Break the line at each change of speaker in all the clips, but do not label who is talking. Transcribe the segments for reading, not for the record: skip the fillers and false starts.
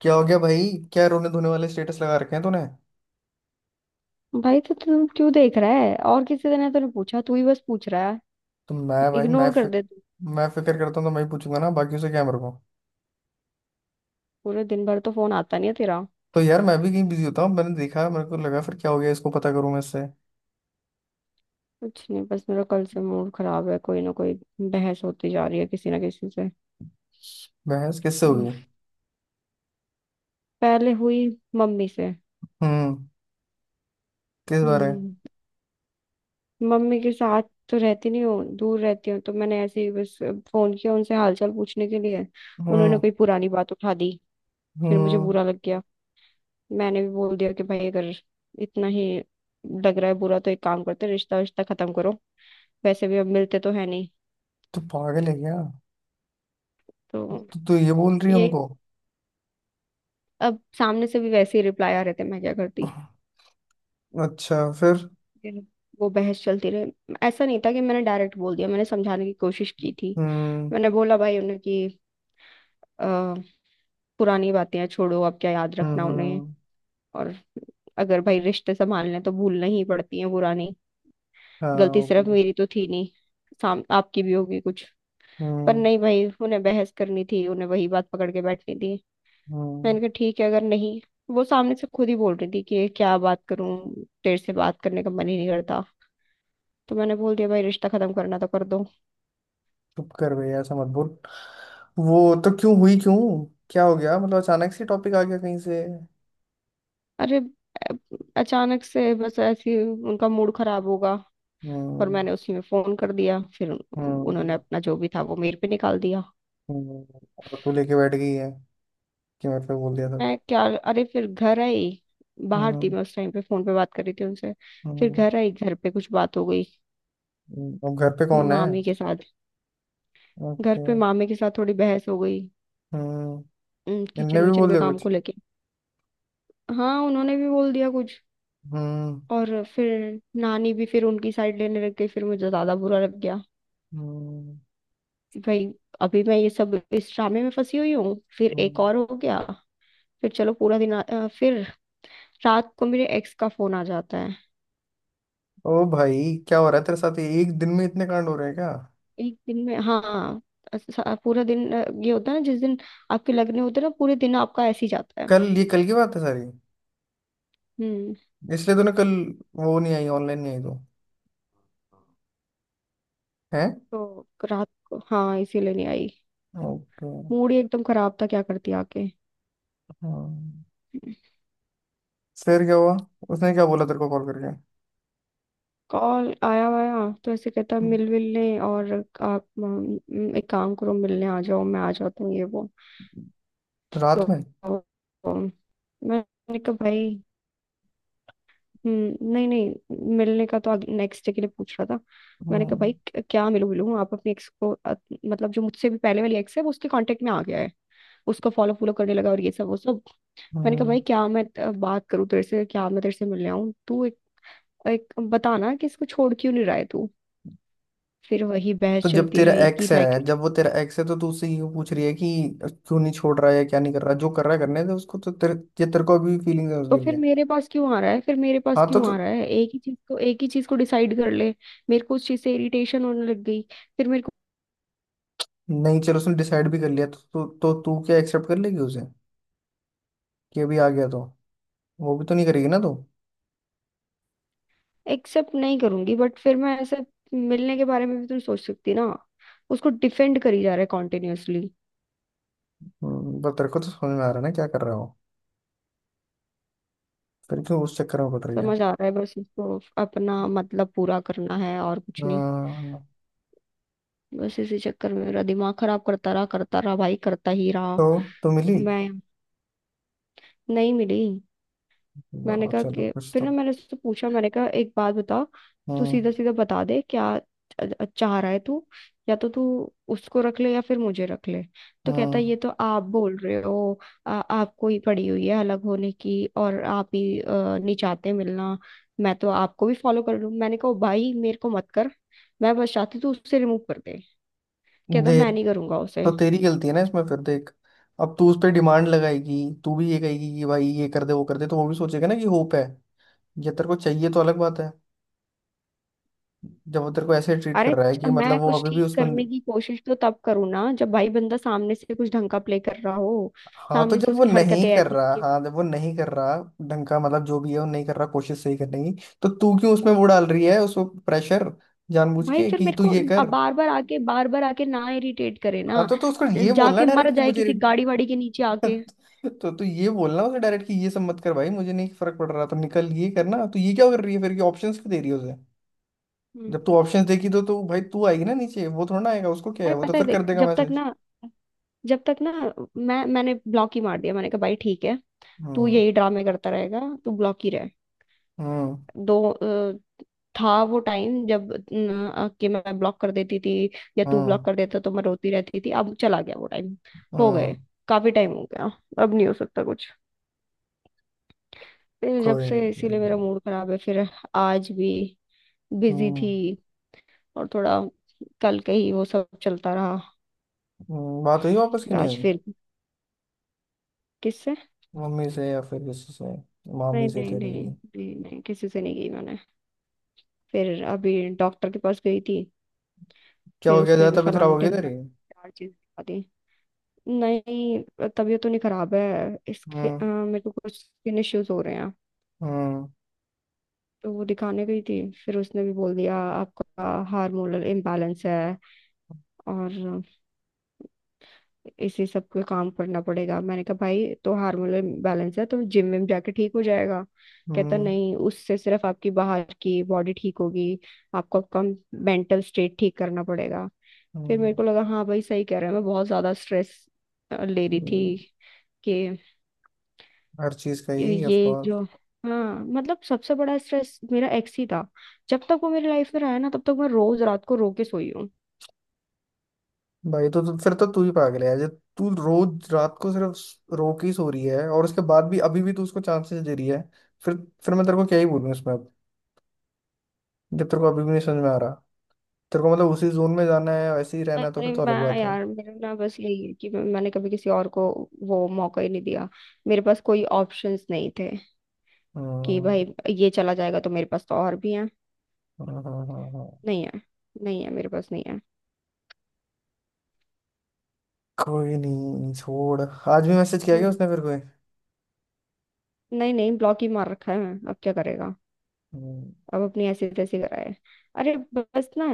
क्या हो गया भाई? क्या रोने धोने वाले स्टेटस लगा रखे हैं तूने।
भाई तो तुम क्यों देख रहा है? और किसी ने तो नहीं पूछा, तू ही बस पूछ रहा है।
तो
इग्नोर कर दे तू।
मैं फिक्र करता हूँ तो मैं ही पूछूंगा ना, बाकियों से क्या मेरे को।
पूरे दिन भर तो फोन आता नहीं है तेरा।
तो यार मैं भी कहीं बिजी होता हूँ, मैंने देखा, मेरे को लगा फिर क्या हो गया, इसको पता करूँ मैं इससे।
कुछ नहीं, बस मेरा कल से मूड खराब है। कोई ना कोई बहस होती जा रही है किसी ना किसी से।
बहस किससे होगी?
उफ, पहले हुई मम्मी से।
हम्म, किस बारे?
हम्म, मम्मी के साथ तो रहती नहीं हूँ, दूर रहती हूँ, तो मैंने ऐसे ही बस फोन किया उनसे हालचाल पूछने के लिए। उन्होंने
हम्म।
कोई पुरानी बात उठा दी, फिर मुझे
हम्म।
बुरा लग गया। मैंने भी बोल दिया कि भाई अगर इतना ही लग रहा है बुरा तो एक काम करते हैं, रिश्ता रिश्ता खत्म करो। वैसे भी अब मिलते तो है नहीं।
तू पागल है क्या?
तो
तू तू ये बोल रही है
यही,
उनको?
अब सामने से भी वैसे ही रिप्लाई आ रहे थे, मैं क्या करती।
अच्छा, फिर?
फिर वो बहस चलती रही, ऐसा नहीं था कि मैंने डायरेक्ट बोल दिया। मैंने समझाने की कोशिश की थी।
हम्म।
मैंने बोला भाई उन्हें कि अ, पुरानी बातें हैं छोड़ो, अब क्या याद रखना
हम्म।
उन्हें।
हम्म।
और अगर भाई रिश्ते संभालने हैं, तो भूलना ही पड़ती है पुरानी। गलती
हाँ।
सिर्फ मेरी तो थी नहीं, साम आपकी भी होगी कुछ। पर
हम्म।
नहीं भाई, उन्हें बहस करनी थी, उन्हें वही बात पकड़ के बैठनी थी।
हम्म।
मैंने कहा ठीक है अगर नहीं। वो सामने से खुद ही बोल रही थी कि क्या बात करूं, तेरे से बात करने का मन ही नहीं करता। तो मैंने बोल दिया भाई रिश्ता खत्म करना तो कर दो।
चुप कर भैया, ऐसा मत बोल। वो तो क्यों हुई, क्यों? क्या हो गया, मतलब अचानक से टॉपिक आ गया कहीं से?
अरे, अ- अचानक से बस ऐसे ही उनका मूड खराब होगा और
हम्म।
मैंने उसी में फोन कर दिया। फिर उन्होंने
हम्म।
अपना जो भी था वो मेरे पे निकाल दिया।
हम्म, और तू लेके बैठ गई है कि मेरे पे बोल दिया था।
मैं क्या, अरे फिर घर आई। बाहर थी
हम्म।
मैं उस टाइम पे, फोन पे बात कर रही थी उनसे। फिर
हम्म।
घर आई, घर पे कुछ बात हो गई।
अब घर पे कौन है?
मामी के साथ, घर
ओके।
पे मामी के साथ थोड़ी बहस हो गई
हम्म। इनने
किचन
भी
विचन
बोल
के
दिया
काम
कुछ?
को लेके। हाँ, उन्होंने भी बोल दिया कुछ।
हम्म।
और फिर नानी भी फिर उनकी साइड लेने लग गई, फिर मुझे ज्यादा बुरा लग गया।
हम्म।
भाई, अभी मैं ये सब इस ड्रामे में फंसी हुई हूँ, फिर एक
हम्म।
और हो गया। फिर चलो, पूरा दिन फिर रात को मेरे एक्स का फोन आ जाता है।
ओ भाई, क्या हो रहा है तेरे साथ? ये एक दिन में इतने कांड हो रहे हैं क्या?
एक दिन में, हाँ। पूरा दिन, ये होता है ना, जिस दिन आपके लगने होते हैं ना, पूरे दिन आपका ऐसे ही जाता है।
कल, ये कल की बात है सारी?
हम्म,
इसलिए तूने कल वो नहीं आई, ऑनलाइन नहीं आई, तो? है?
तो रात को, हाँ, इसीलिए नहीं आई।
ओके।
मूड ही एकदम खराब था, क्या करती आके।
हम्म। फिर क्या हुआ? उसने क्या बोला तेरे को कॉल करके?
कॉल आया वाया, तो ऐसे कहता
हम्म,
मिल विल ले, और आप एक काम करो, मिलने आ जाओ, मैं आ जाता हूँ ये वो। तो
रात में?
तो मैंने कहा भाई, नहीं नहीं, मिलने का तो नेक्स्ट डे के लिए पूछ रहा था। मैंने कहा
हम्म।
भाई क्या मिलूं मिलूं, आप अपनी एक्स को, मतलब जो मुझसे भी पहले वाली एक्स है, वो उसके कांटेक्ट में आ गया है। उसको फॉलो फॉलो करने लगा और ये सब वो सब। मैंने कहा
हम्म।
भाई क्या मैं बात करूं तेरे से, क्या मैं तेरे से मिलने आऊं, तू एक बताना कि इसको छोड़ क्यों नहीं रहा है तू। फिर वही
तो
बहस
जब
चलती
तेरा
रही कि
एक्स
मैं
है,
क्यों
जब वो
छोड़ू।
तेरा एक्स है तो तू उससे ये पूछ रही है कि क्यों नहीं छोड़ रहा है या क्या नहीं कर रहा है? जो कर रहा है करने दे उसको, तो तेरे, ये तेरे को अभी भी फीलिंग है
तो
उसके
फिर
लिए?
मेरे पास क्यों आ रहा है, फिर मेरे पास
हाँ
क्यों
तो
आ रहा है, एक ही चीज को डिसाइड कर ले। मेरे को उस चीज से इरिटेशन होने लग गई। फिर मेरे को
नहीं, चलो उसने डिसाइड भी कर लिया तो तू क्या एक्सेप्ट कर लेगी उसे? कि अभी आ गया तो? वो भी तो नहीं करेगी ना तू।
एक्सेप्ट नहीं करूंगी, बट फिर मैं ऐसे मिलने के बारे में भी तो सोच सकती ना। उसको डिफेंड करी जा रहा है कॉन्टिन्यूअसली।
पर तेरे को तो समझ में आ रहा है ना क्या कर रहा हो? फिर क्यों उस चक्कर में पड़ रही है?
समझ आ रहा है, बस उसको अपना मतलब पूरा करना है और कुछ नहीं।
हम्म,
बस इसी चक्कर में मेरा दिमाग खराब करता रहा भाई, करता ही रहा।
तो मिली?
मैं नहीं मिली। मैंने
वाह,
कहा
चलो
कि
कुछ
फिर
तो।
ना, मैंने उससे पूछा, मैंने कहा एक बात बता, तू
हम्म।
सीधा सीधा बता दे क्या चाह रहा है तू। या तो तू उसको रख ले या फिर मुझे रख ले। तो कहता है
हम्म।
ये तो आप बोल रहे हो, आपको ही पड़ी हुई है अलग होने की, और आप ही नहीं चाहते मिलना। मैं तो आपको भी फॉलो कर लूँ। मैंने कहा "ओ भाई मेरे को मत कर, मैं बस चाहती तू उससे रिमूव कर दे। कहता
दे।
मैं नहीं करूंगा
तो
उसे।
तेरी गलती है ना इसमें फिर, देख। अब तू उस पर डिमांड लगाएगी, तू भी ये कहेगी कि भाई ये कर दे वो कर दे, तो वो भी सोचेगा ना कि होप है। ये तेरे को चाहिए तो अलग बात है। जब वो तेरे को ऐसे ट्रीट कर
अरे
रहा है कि
मैं
मतलब वो
कुछ
अभी भी
ठीक
उस
करने
बंदे।
की कोशिश तो तब करूँ ना जब भाई बंदा सामने से कुछ ढंग का प्ले कर रहा हो।
हाँ तो
सामने से
जब वो
उसकी
नहीं
हरकतें
कर
ऐसी हैं
रहा,
कि
हाँ जब वो नहीं कर रहा। ढंग का मतलब, जो भी है वो नहीं कर रहा कोशिश सही करने की। तो तू क्यों उसमें वो डाल रही है, उसको प्रेशर, जानबूझ
भाई,
के
फिर
कि
मेरे
तू
को
ये कर।
अब बार बार आके ना इरिटेट करे
हाँ
ना,
तो उसको ये बोलना
जाके मर
डायरेक्ट कि
जाए
मुझे।
किसी गाड़ी वाड़ी के नीचे आके।
तो तू ये बोलना उसे डायरेक्ट कि ये सब मत कर भाई, मुझे नहीं फर्क पड़ रहा, तो निकल। ये करना, तो ये क्या कर रही है फिर? ये ऑप्शंस क्यों दे रही है उसे?
हम्म।
जब तू ऑप्शंस देगी तो भाई, तू आएगी ना नीचे, वो थोड़ा ना आएगा। उसको क्या है,
अरे
वो तो
पता है
फिर कर
देख,
देगा
जब तक
मैसेज।
ना जब तक ना मैंने ब्लॉक ही मार दिया। मैंने कहा भाई ठीक है, तू
हम्म।
यही ड्रामे करता रहेगा, तू ब्लॉक ही रह।
हम्म।
दो, था वो टाइम जब न, अ, कि मैं ब्लॉक कर देती थी या तू ब्लॉक
हम्म।
कर देता तो मैं रोती रहती थी। अब चला गया वो टाइम। हो गए,
हम्म,
काफी टाइम हो गया। अब नहीं हो सकता कुछ। फिर जब
कोई
से
नहीं, कोई
इसीलिए मेरा
नहीं।
मूड खराब है। फिर आज भी बिजी
हम्म।
थी, और थोड़ा कल के ही वो सब चलता रहा।
बात हुई वापस की
फिर
नहीं
आज
हुई?
फिर। किससे?
मम्मी से या फिर किसी से? मामी
नहीं
से
नहीं
तेरी?
नहीं, नहीं नहीं किसी से नहीं, गई मैंने फिर अभी डॉक्टर के पास गई थी।
क्या
फिर
हो गया,
उसने भी
ज्यादा तबीयत खराब
फलाने
हो गई
ढिमका
तेरी?
चार चीजें बता दी। नहीं, तबीयत तो नहीं खराब है। इसके,
हम्म।
मेरे को कुछ स्किन इश्यूज हो रहे हैं,
हम्म।
तो वो दिखाने गई थी। फिर उसने भी बोल दिया आपका हार्मोनल इम्बैलेंस है, और इसी सब पे काम करना पड़ेगा। मैंने कहा भाई तो हार्मोनल इम्बैलेंस है तो जिम में जाके ठीक हो जाएगा। कहता
हम्म।
नहीं, उससे सिर्फ आपकी बाहर की बॉडी ठीक होगी, आपको आपका मेंटल स्टेट ठीक करना पड़ेगा। फिर मेरे
हम्म,
को लगा हाँ भाई सही कह रहे हैं, मैं बहुत ज्यादा स्ट्रेस ले रही
हम्म,
थी। कि
हर चीज का ही ऑफ।
ये जो, हाँ मतलब सबसे बड़ा स्ट्रेस मेरा एक्स ही था। जब तक वो मेरी लाइफ में रहा है ना, तब तक मैं रोज रात को रो के सोई हूँ।
भाई तो फिर तो तू ही पागल है यार। जब तू रोज रात को सिर्फ रो के ही सो रही है और उसके बाद भी अभी भी तू उसको चांसेस दे रही है, फिर फिर मैं तेरे को क्या ही बोलूँ इसमें अब। जब तेरे को अभी भी नहीं समझ में आ रहा, तेरे को मतलब उसी जोन में जाना है, वैसे ही रहना है, तो
अरे
फिर तो
मैं
अलग बात है।
यार, मेरा ना बस यही है कि मैंने कभी किसी और को वो मौका ही नहीं दिया। मेरे पास कोई ऑप्शंस नहीं थे कि
हम्म,
भाई ये चला जाएगा तो मेरे पास तो और भी है।
हम्म, हम्म, हम्म, हम्म।
नहीं है, नहीं है, मेरे पास नहीं है।
कोई नहीं, छोड़। आज भी मैसेज किया
तो
क्या उसने फिर कोई?
नहीं नहीं, ब्लॉक ही मार रखा है, मैं अब क्या करेगा।
हम्म।
अब अपनी ऐसे तैसे कराए। अरे बस ना,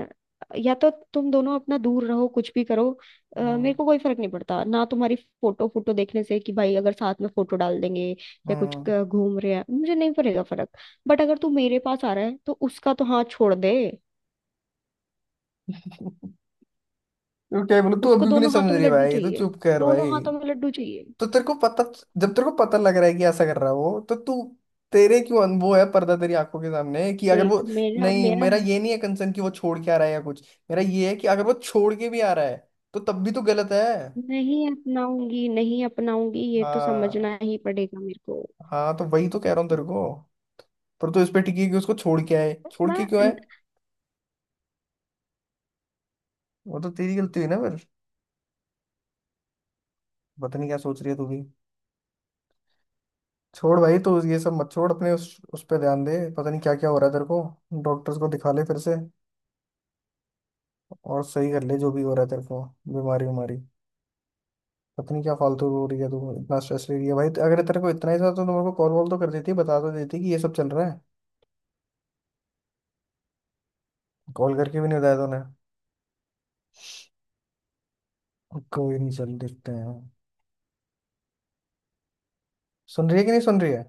या तो तुम दोनों अपना दूर रहो, कुछ भी करो,
हम्म।
मेरे को कोई फर्क नहीं पड़ता ना, तुम्हारी फोटो फोटो देखने से कि भाई अगर साथ में फोटो डाल देंगे या कुछ
हम्म।
घूम रहे हैं, मुझे नहीं पड़ेगा फर्क। बट अगर तू मेरे पास आ रहा है तो उसका तो हाथ छोड़ दे।
तू क्या बोलू, तू
उसको
अभी भी नहीं
दोनों
समझ
हाथों में
रही
लड्डू
भाई, तू
चाहिए,
चुप कर
दोनों
भाई।
हाथों में लड्डू चाहिए।
तो तेरे को पता, जब तेरे को पता लग रहा है कि ऐसा कर रहा है वो, तो तू, तेरे क्यों वो है पर्दा तेरी आंखों के सामने है कि अगर
देख
वो।
मेरा
नहीं,
मेरा
मेरा ये नहीं है कंसर्न कि वो छोड़ के आ रहा है या कुछ, मेरा ये है कि अगर वो छोड़ के भी आ रहा है तो तब भी तो गलत है।
नहीं अपनाऊंगी, नहीं अपनाऊंगी, ये तो
हाँ।
समझना ही पड़ेगा मेरे को।
हाँ तो वही तो कह रहा हूँ तेरे को, पर तू इस पे टिकी कि उसको छोड़ के आए,
बस
छोड़
मैं,
के क्यों आए? वो तो तेरी गलती हुई ना फिर। पता नहीं क्या सोच रही है तू भी। छोड़ भाई, तो ये सब मत, छोड़ अपने उस पे ध्यान दे। पता नहीं क्या क्या हो रहा है तेरे को, डॉक्टर्स को दिखा ले फिर से और सही कर ले जो भी हो रहा है तेरे को, बीमारी उमारी। पता नहीं क्या फालतू हो रही है तू, इतना स्ट्रेस ले रही है भाई। अगर तेरे को इतना ही था तो मेरे को कॉल वॉल तो कर देती, बता तो देती कि ये सब चल रहा है। कॉल करके भी नहीं बताया तूने। कोई नहीं, चल देखते हैं। सुन रही है कि नहीं सुन रही है?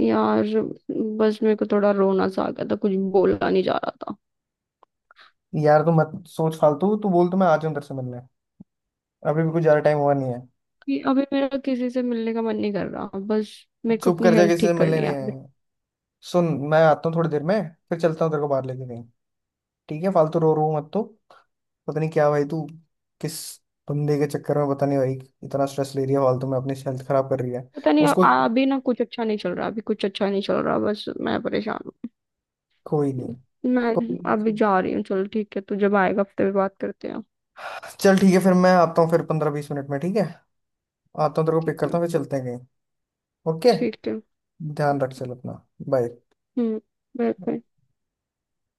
यार बस मेरे को थोड़ा रोना सा आ गया था, कुछ बोला नहीं जा रहा था।
यार तू मत सोच फालतू, तू बोल तो मैं आ जाऊं तेरे से मिलने। अभी भी कुछ ज्यादा टाइम हुआ नहीं है।
कि अभी मेरा किसी से मिलने का मन नहीं कर रहा, बस मेरे को
चुप
अपनी
कर जा,
हेल्थ
किसी से
ठीक
मिलने
करनी है
नहीं
अभी।
है। सुन, मैं आता हूँ थोड़ी देर में, फिर चलता हूँ तेरे को बाहर लेके कहीं। ठीक है, फालतू रो रो मत तू। पता नहीं क्या भाई तू, किस बंदे के चक्कर में, पता नहीं भाई, इतना स्ट्रेस ले रही है फालतू में, अपनी हेल्थ खराब कर रही है
पता नहीं,
उसको।
अभी ना कुछ अच्छा नहीं चल रहा, अभी कुछ अच्छा नहीं चल रहा, बस मैं परेशान
कोई
हूँ।
नहीं,
मैं
कोई
अभी
नहीं।
जा रही हूँ, चलो ठीक है, तू जब आएगा हफ्ते में बात करते हैं।
चल ठीक है, फिर मैं आता हूँ फिर 15-20 मिनट में, ठीक है? आता हूँ तेरे को
ठीक
पिक करता
है।
हूँ, फिर चलते हैं कहीं। ओके।
ठीक है।
ध्यान रख,
ओके।
चल अपना। बाय।
हम्म। Bye bye.